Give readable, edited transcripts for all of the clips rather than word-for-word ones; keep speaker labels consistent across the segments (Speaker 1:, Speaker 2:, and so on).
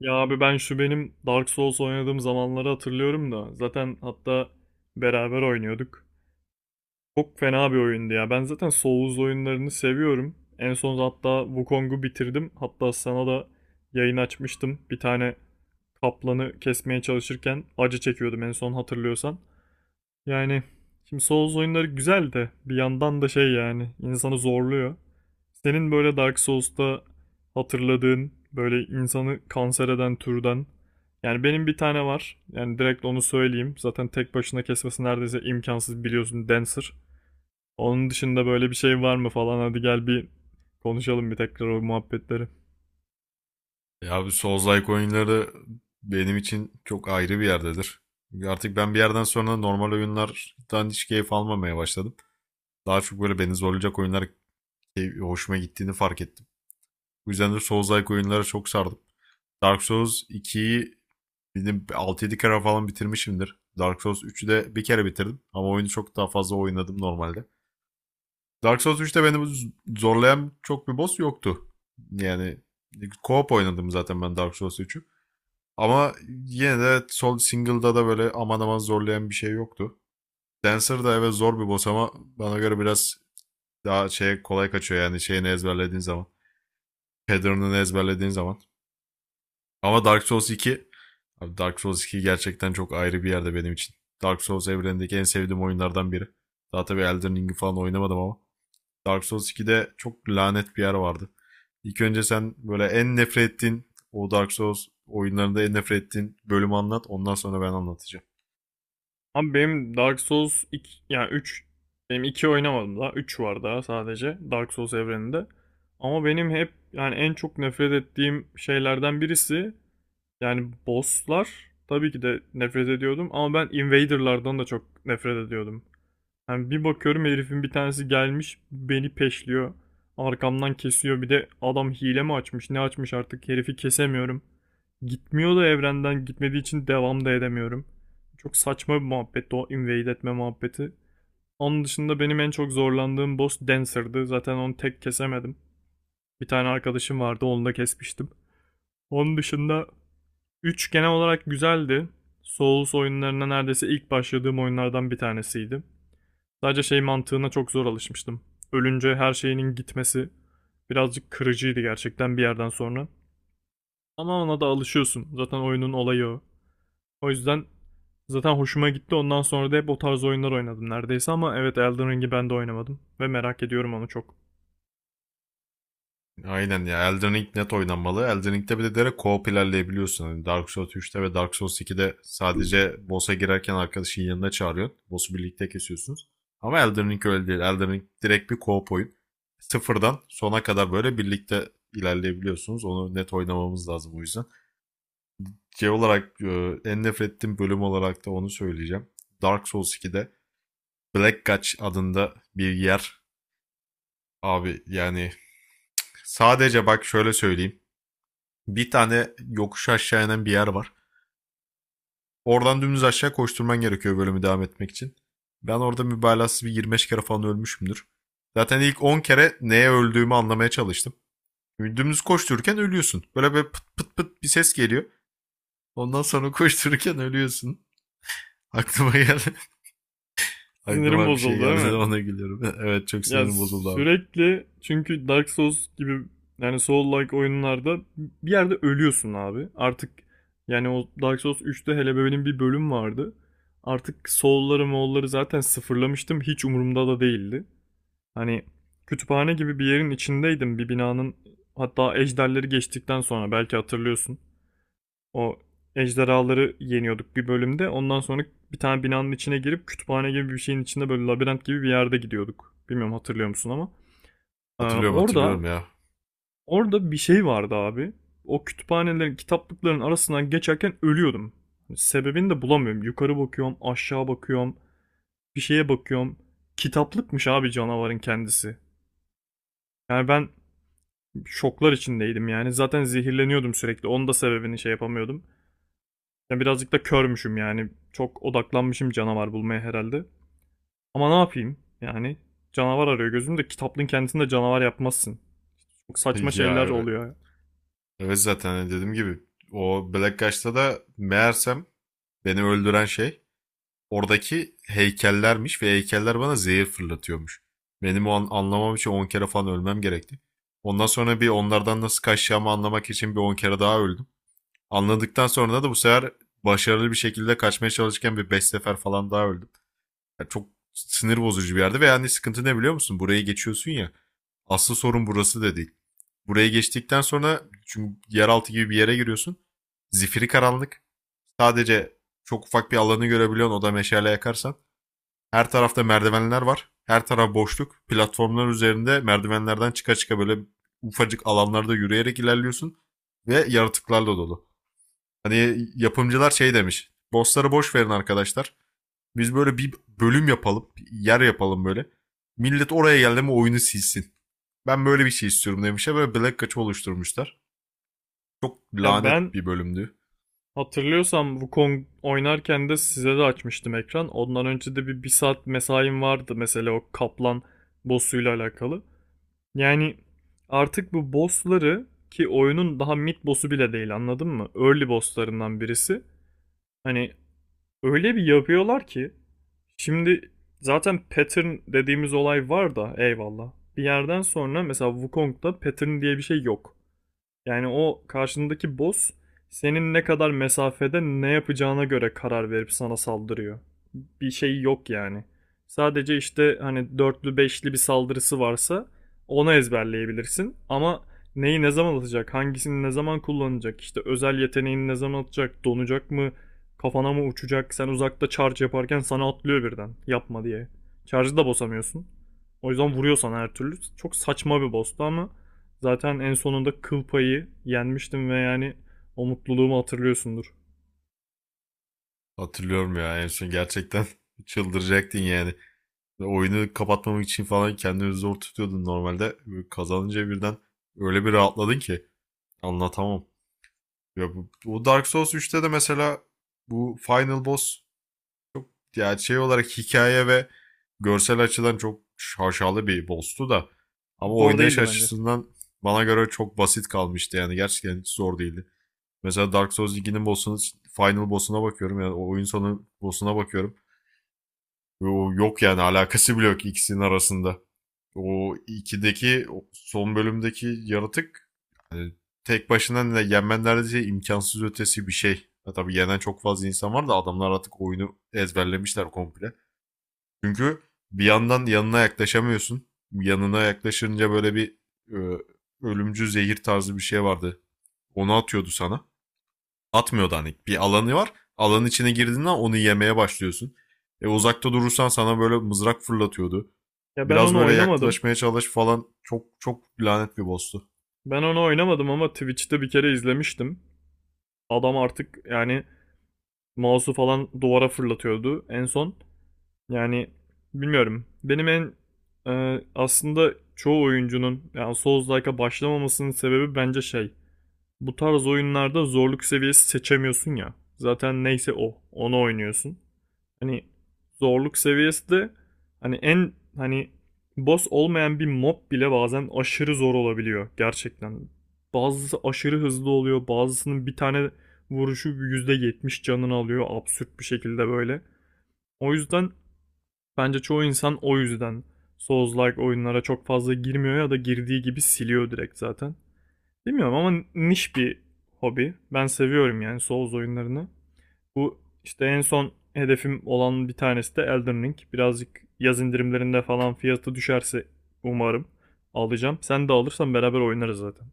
Speaker 1: Ya abi ben şu benim Dark Souls oynadığım zamanları hatırlıyorum da zaten hatta beraber oynuyorduk. Çok fena bir oyundu ya. Ben zaten Souls oyunlarını seviyorum. En son hatta Wukong'u bitirdim. Hatta sana da yayın açmıştım. Bir tane kaplanı kesmeye çalışırken acı çekiyordum en son hatırlıyorsan. Yani şimdi Souls oyunları güzel de bir yandan da şey yani insanı zorluyor. Senin böyle Dark Souls'ta hatırladığın böyle insanı kanser eden türden. Yani benim bir tane var. Yani direkt onu söyleyeyim. Zaten tek başına kesmesi neredeyse imkansız biliyorsun Dancer. Onun dışında böyle bir şey var mı falan, hadi gel bir konuşalım bir tekrar o muhabbetleri.
Speaker 2: Ya bu Souls-like oyunları benim için çok ayrı bir yerdedir. Artık ben bir yerden sonra normal oyunlardan hiç keyif almamaya başladım. Daha çok böyle beni zorlayacak oyunlar hoşuma gittiğini fark ettim. Bu yüzden de Souls-like oyunlara çok sardım. Dark Souls 2'yi benim 6 yedi kere falan bitirmişimdir. Dark Souls 3'ü de bir kere bitirdim ama oyunu çok daha fazla oynadım normalde. Dark Souls 3'te beni zorlayan çok bir boss yoktu. Yani co-op oynadım zaten ben Dark Souls 3'ü. Ama yine de sol single'da da böyle aman aman zorlayan bir şey yoktu. Dancer da evet zor bir boss ama bana göre biraz daha şey kolay kaçıyor yani şeyini ezberlediğin zaman. Pattern'ını ezberlediğin zaman. Ama Dark Souls 2, abi Dark Souls 2 gerçekten çok ayrı bir yerde benim için. Dark Souls evrenindeki en sevdiğim oyunlardan biri. Daha tabii Elden Ring'i falan oynamadım ama Dark Souls 2'de çok lanet bir yer vardı. İlk önce sen böyle en nefret ettiğin o Dark Souls oyunlarında en nefret ettiğin bölümü anlat. Ondan sonra ben anlatacağım.
Speaker 1: Abi benim Dark Souls iki, yani üç, benim 2 oynamadım daha, 3 var daha sadece Dark Souls evreninde. Ama benim hep yani en çok nefret ettiğim şeylerden birisi, yani bosslar tabii ki de nefret ediyordum ama ben invaderlardan da çok nefret ediyordum. Yani bir bakıyorum herifin bir tanesi gelmiş beni peşliyor. Arkamdan kesiyor, bir de adam hile mi açmış ne açmış artık herifi kesemiyorum. Gitmiyor da evrenden, gitmediği için devam da edemiyorum. Çok saçma bir muhabbetti o invade etme muhabbeti. Onun dışında benim en çok zorlandığım boss Dancer'dı. Zaten onu tek kesemedim. Bir tane arkadaşım vardı, onu da kesmiştim. Onun dışında üç genel olarak güzeldi. Souls oyunlarına neredeyse ilk başladığım oyunlardan bir tanesiydi. Sadece şey mantığına çok zor alışmıştım. Ölünce her şeyinin gitmesi birazcık kırıcıydı gerçekten bir yerden sonra. Ama ona da alışıyorsun. Zaten oyunun olayı o. O yüzden zaten hoşuma gitti. Ondan sonra da hep o tarz oyunlar oynadım neredeyse ama evet, Elden Ring'i ben de oynamadım. Ve merak ediyorum onu çok.
Speaker 2: Aynen ya, Elden Ring net oynanmalı. Elden Ring'de bir de direkt co-op ilerleyebiliyorsun. Hani Dark Souls 3'te ve Dark Souls 2'de sadece boss'a girerken arkadaşın yanına çağırıyorsun. Boss'u birlikte kesiyorsunuz. Ama Elden Ring öyle değil. Elden Ring direkt bir co-op oyun. Sıfırdan sona kadar böyle birlikte ilerleyebiliyorsunuz. Onu net oynamamız lazım o yüzden. Şey olarak en nefret ettiğim bölüm olarak da onu söyleyeceğim. Dark Souls 2'de Black Gulch adında bir yer, abi yani sadece bak şöyle söyleyeyim. Bir tane yokuş aşağı inen bir yer var. Oradan dümdüz aşağı koşturman gerekiyor bölümü devam etmek için. Ben orada mübalağasız bir 25 kere falan ölmüşümdür. Zaten ilk 10 kere neye öldüğümü anlamaya çalıştım. Dümdüz koştururken ölüyorsun. Böyle bir pıt pıt pıt bir ses geliyor. Ondan sonra koştururken ölüyorsun. Aklıma geldi.
Speaker 1: Sinirim
Speaker 2: Aklıma bir şey
Speaker 1: bozuldu
Speaker 2: geldi de
Speaker 1: değil mi?
Speaker 2: ona gülüyorum. Evet, çok
Speaker 1: Ya,
Speaker 2: sinirim bozuldu abi.
Speaker 1: sürekli çünkü Dark Souls gibi, yani Soul-like oyunlarda bir yerde ölüyorsun abi. Artık yani o Dark Souls 3'te hele benim bir bölüm vardı. Artık Soul'ları Moll'ları zaten sıfırlamıştım. Hiç umurumda da değildi. Hani kütüphane gibi bir yerin içindeydim. Bir binanın, hatta ejderleri geçtikten sonra belki hatırlıyorsun. O ejderhaları yeniyorduk bir bölümde. Ondan sonra bir tane binanın içine girip kütüphane gibi bir şeyin içinde böyle labirent gibi bir yerde gidiyorduk. Bilmiyorum hatırlıyor musun ama. Ee,
Speaker 2: Hatırlıyorum,
Speaker 1: orada
Speaker 2: hatırlıyorum ya.
Speaker 1: orada bir şey vardı abi. O kütüphanelerin, kitaplıkların arasından geçerken ölüyordum. Hani sebebini de bulamıyorum. Yukarı bakıyorum, aşağı bakıyorum, bir şeye bakıyorum. Kitaplıkmış abi canavarın kendisi. Yani ben şoklar içindeydim yani. Zaten zehirleniyordum sürekli. Onun da sebebini şey yapamıyordum. Yani birazcık da körmüşüm yani. Çok odaklanmışım canavar bulmaya herhalde. Ama ne yapayım? Yani canavar arıyor gözümde. Kitaplığın kendisinde canavar yapmazsın. Çok saçma
Speaker 2: Ya
Speaker 1: şeyler
Speaker 2: evet,
Speaker 1: oluyor.
Speaker 2: evet, zaten hani dediğim gibi o Black Gush'ta da meğersem beni öldüren şey oradaki heykellermiş ve heykeller bana zehir fırlatıyormuş. Benim o an, anlamam için 10 kere falan ölmem gerekti. Ondan sonra bir onlardan nasıl kaçacağımı anlamak için bir 10 kere daha öldüm. Anladıktan sonra da bu sefer başarılı bir şekilde kaçmaya çalışırken bir 5 sefer falan daha öldüm. Ya, çok sinir bozucu bir yerde ve yani sıkıntı ne biliyor musun? Burayı geçiyorsun ya. Asıl sorun burası da değil. Burayı geçtikten sonra çünkü yeraltı gibi bir yere giriyorsun. Zifiri karanlık. Sadece çok ufak bir alanı görebiliyorsun, o da meşale yakarsan. Her tarafta merdivenler var. Her taraf boşluk. Platformlar üzerinde merdivenlerden çıka çıka böyle ufacık alanlarda yürüyerek ilerliyorsun. Ve yaratıklarla dolu. Hani yapımcılar şey demiş. Bossları boş verin arkadaşlar. Biz böyle bir bölüm yapalım. Yer yapalım böyle. Millet oraya geldi mi oyunu silsin. Ben böyle bir şey istiyorum demişler. Böyle Black Kaç'ı oluşturmuşlar. Çok
Speaker 1: Ya
Speaker 2: lanet
Speaker 1: ben
Speaker 2: bir bölümdü.
Speaker 1: hatırlıyorsam Wukong oynarken de size de açmıştım ekran. Ondan önce de bir saat mesaim vardı mesela o kaplan boss'uyla alakalı. Yani artık bu boss'ları, ki oyunun daha mid boss'u bile değil anladın mı? Early boss'larından birisi. Hani öyle bir yapıyorlar ki, şimdi zaten pattern dediğimiz olay var da eyvallah. Bir yerden sonra mesela Wukong'da pattern diye bir şey yok. Yani o karşındaki boss senin ne kadar mesafede ne yapacağına göre karar verip sana saldırıyor, bir şey yok yani. Sadece işte hani dörtlü beşli bir saldırısı varsa onu ezberleyebilirsin. Ama neyi ne zaman atacak, hangisini ne zaman kullanacak, işte özel yeteneğini ne zaman atacak, donacak mı, kafana mı uçacak, sen uzakta charge yaparken sana atlıyor birden, yapma diye. Charge'ı da bozamıyorsun. O yüzden vuruyor sana her türlü. Çok saçma bir boss'tu ama zaten en sonunda kıl payı yenmiştim ve yani o mutluluğumu hatırlıyorsundur.
Speaker 2: Hatırlıyorum ya, en son gerçekten çıldıracaktın yani. Oyunu kapatmamak için falan kendini zor tutuyordun normalde. Böyle kazanınca birden öyle bir rahatladın ki anlatamam. Ya bu Dark Souls 3'te de mesela bu final boss ya şey olarak hikaye ve görsel açıdan çok şaşalı bir boss'tu da ama
Speaker 1: Zor
Speaker 2: oynayış
Speaker 1: değildi bence.
Speaker 2: açısından bana göre çok basit kalmıştı yani gerçekten hiç zor değildi. Mesela Dark Souls 2'nin boss'unu, final boss'una bakıyorum yani o oyun sonu boss'una bakıyorum. Ve o yok yani alakası bile yok ikisinin arasında. O 2'deki o son bölümdeki yaratık tek başına ne, yenmen neredeyse imkansız ötesi bir şey. Ya tabii yenen çok fazla insan var da adamlar artık oyunu ezberlemişler komple. Çünkü bir yandan yanına yaklaşamıyorsun. Yanına yaklaşınca böyle bir e, ölümcül zehir tarzı bir şey vardı. Onu atıyordu sana. Atmıyordu hani. Bir alanı var. Alanın içine girdiğinde onu yemeye başlıyorsun. Uzakta durursan sana böyle mızrak fırlatıyordu.
Speaker 1: Ya ben
Speaker 2: Biraz
Speaker 1: onu
Speaker 2: böyle
Speaker 1: oynamadım.
Speaker 2: yaklaşmaya çalış falan, çok çok lanet bir boss'tu.
Speaker 1: Ben onu oynamadım ama Twitch'te bir kere izlemiştim. Adam artık yani mouse'u falan duvara fırlatıyordu en son. Yani bilmiyorum. Benim aslında çoğu oyuncunun yani Souls-like'a başlamamasının sebebi bence şey. Bu tarz oyunlarda zorluk seviyesi seçemiyorsun ya. Zaten neyse o. Onu oynuyorsun. Hani zorluk seviyesi de hani en hani boss olmayan bir mob bile bazen aşırı zor olabiliyor gerçekten. Bazısı aşırı hızlı oluyor, bazısının bir tane vuruşu %70 canını alıyor absürt bir şekilde böyle. O yüzden bence çoğu insan o yüzden Souls-like oyunlara çok fazla girmiyor ya da girdiği gibi siliyor direkt zaten. Bilmiyorum ama niş bir hobi. Ben seviyorum yani Souls oyunlarını. Bu işte en son hedefim olan bir tanesi de Elden Ring. Birazcık yaz indirimlerinde falan fiyatı düşerse umarım alacağım. Sen de alırsan beraber oynarız zaten.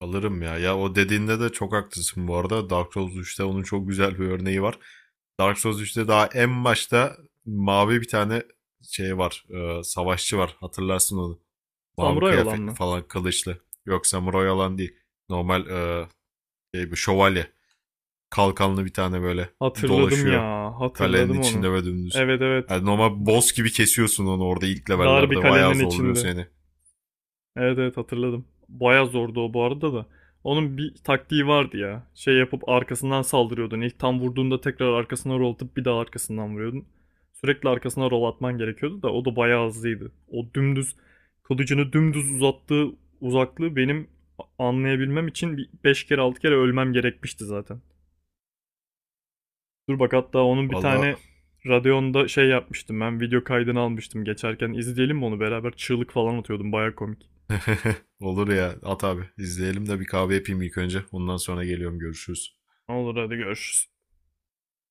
Speaker 2: Alırım ya. Ya o dediğinde de çok haklısın bu arada. Dark Souls 3'te onun çok güzel bir örneği var. Dark Souls 3'te daha en başta mavi bir tane şey var. Savaşçı var. Hatırlarsın onu. Mavi
Speaker 1: Samuray olan
Speaker 2: kıyafetli
Speaker 1: mı?
Speaker 2: falan, kılıçlı. Yok, samuray olan değil. Normal bir şövalye, kalkanlı bir tane böyle
Speaker 1: Hatırladım
Speaker 2: dolaşıyor
Speaker 1: ya,
Speaker 2: kalenin
Speaker 1: hatırladım onu.
Speaker 2: içinde ve dümdüz.
Speaker 1: Evet, evet.
Speaker 2: Yani normal boss gibi kesiyorsun onu orada ilk
Speaker 1: Dar bir
Speaker 2: levellerde. Bayağı
Speaker 1: kalenin
Speaker 2: zorluyor
Speaker 1: içinde.
Speaker 2: seni.
Speaker 1: Evet, evet, hatırladım. Baya zordu o bu arada da. Onun bir taktiği vardı ya. Şey yapıp arkasından saldırıyordun. İlk tam vurduğunda tekrar arkasına rol atıp bir daha arkasından vuruyordun. Sürekli arkasına rol atman gerekiyordu da o da bayağı hızlıydı. O dümdüz kılıcını dümdüz uzattığı uzaklığı benim anlayabilmem için bir 5 kere 6 kere ölmem gerekmişti zaten. Dur bak hatta onun bir
Speaker 2: Valla
Speaker 1: tane Radeon'da şey yapmıştım, ben video kaydını almıştım, geçerken izleyelim mi onu beraber, çığlık falan atıyordum baya komik.
Speaker 2: olur ya, at abi, İzleyelim de bir kahve yapayım ilk önce. Ondan sonra geliyorum, görüşürüz.
Speaker 1: Olur, hadi görüşürüz.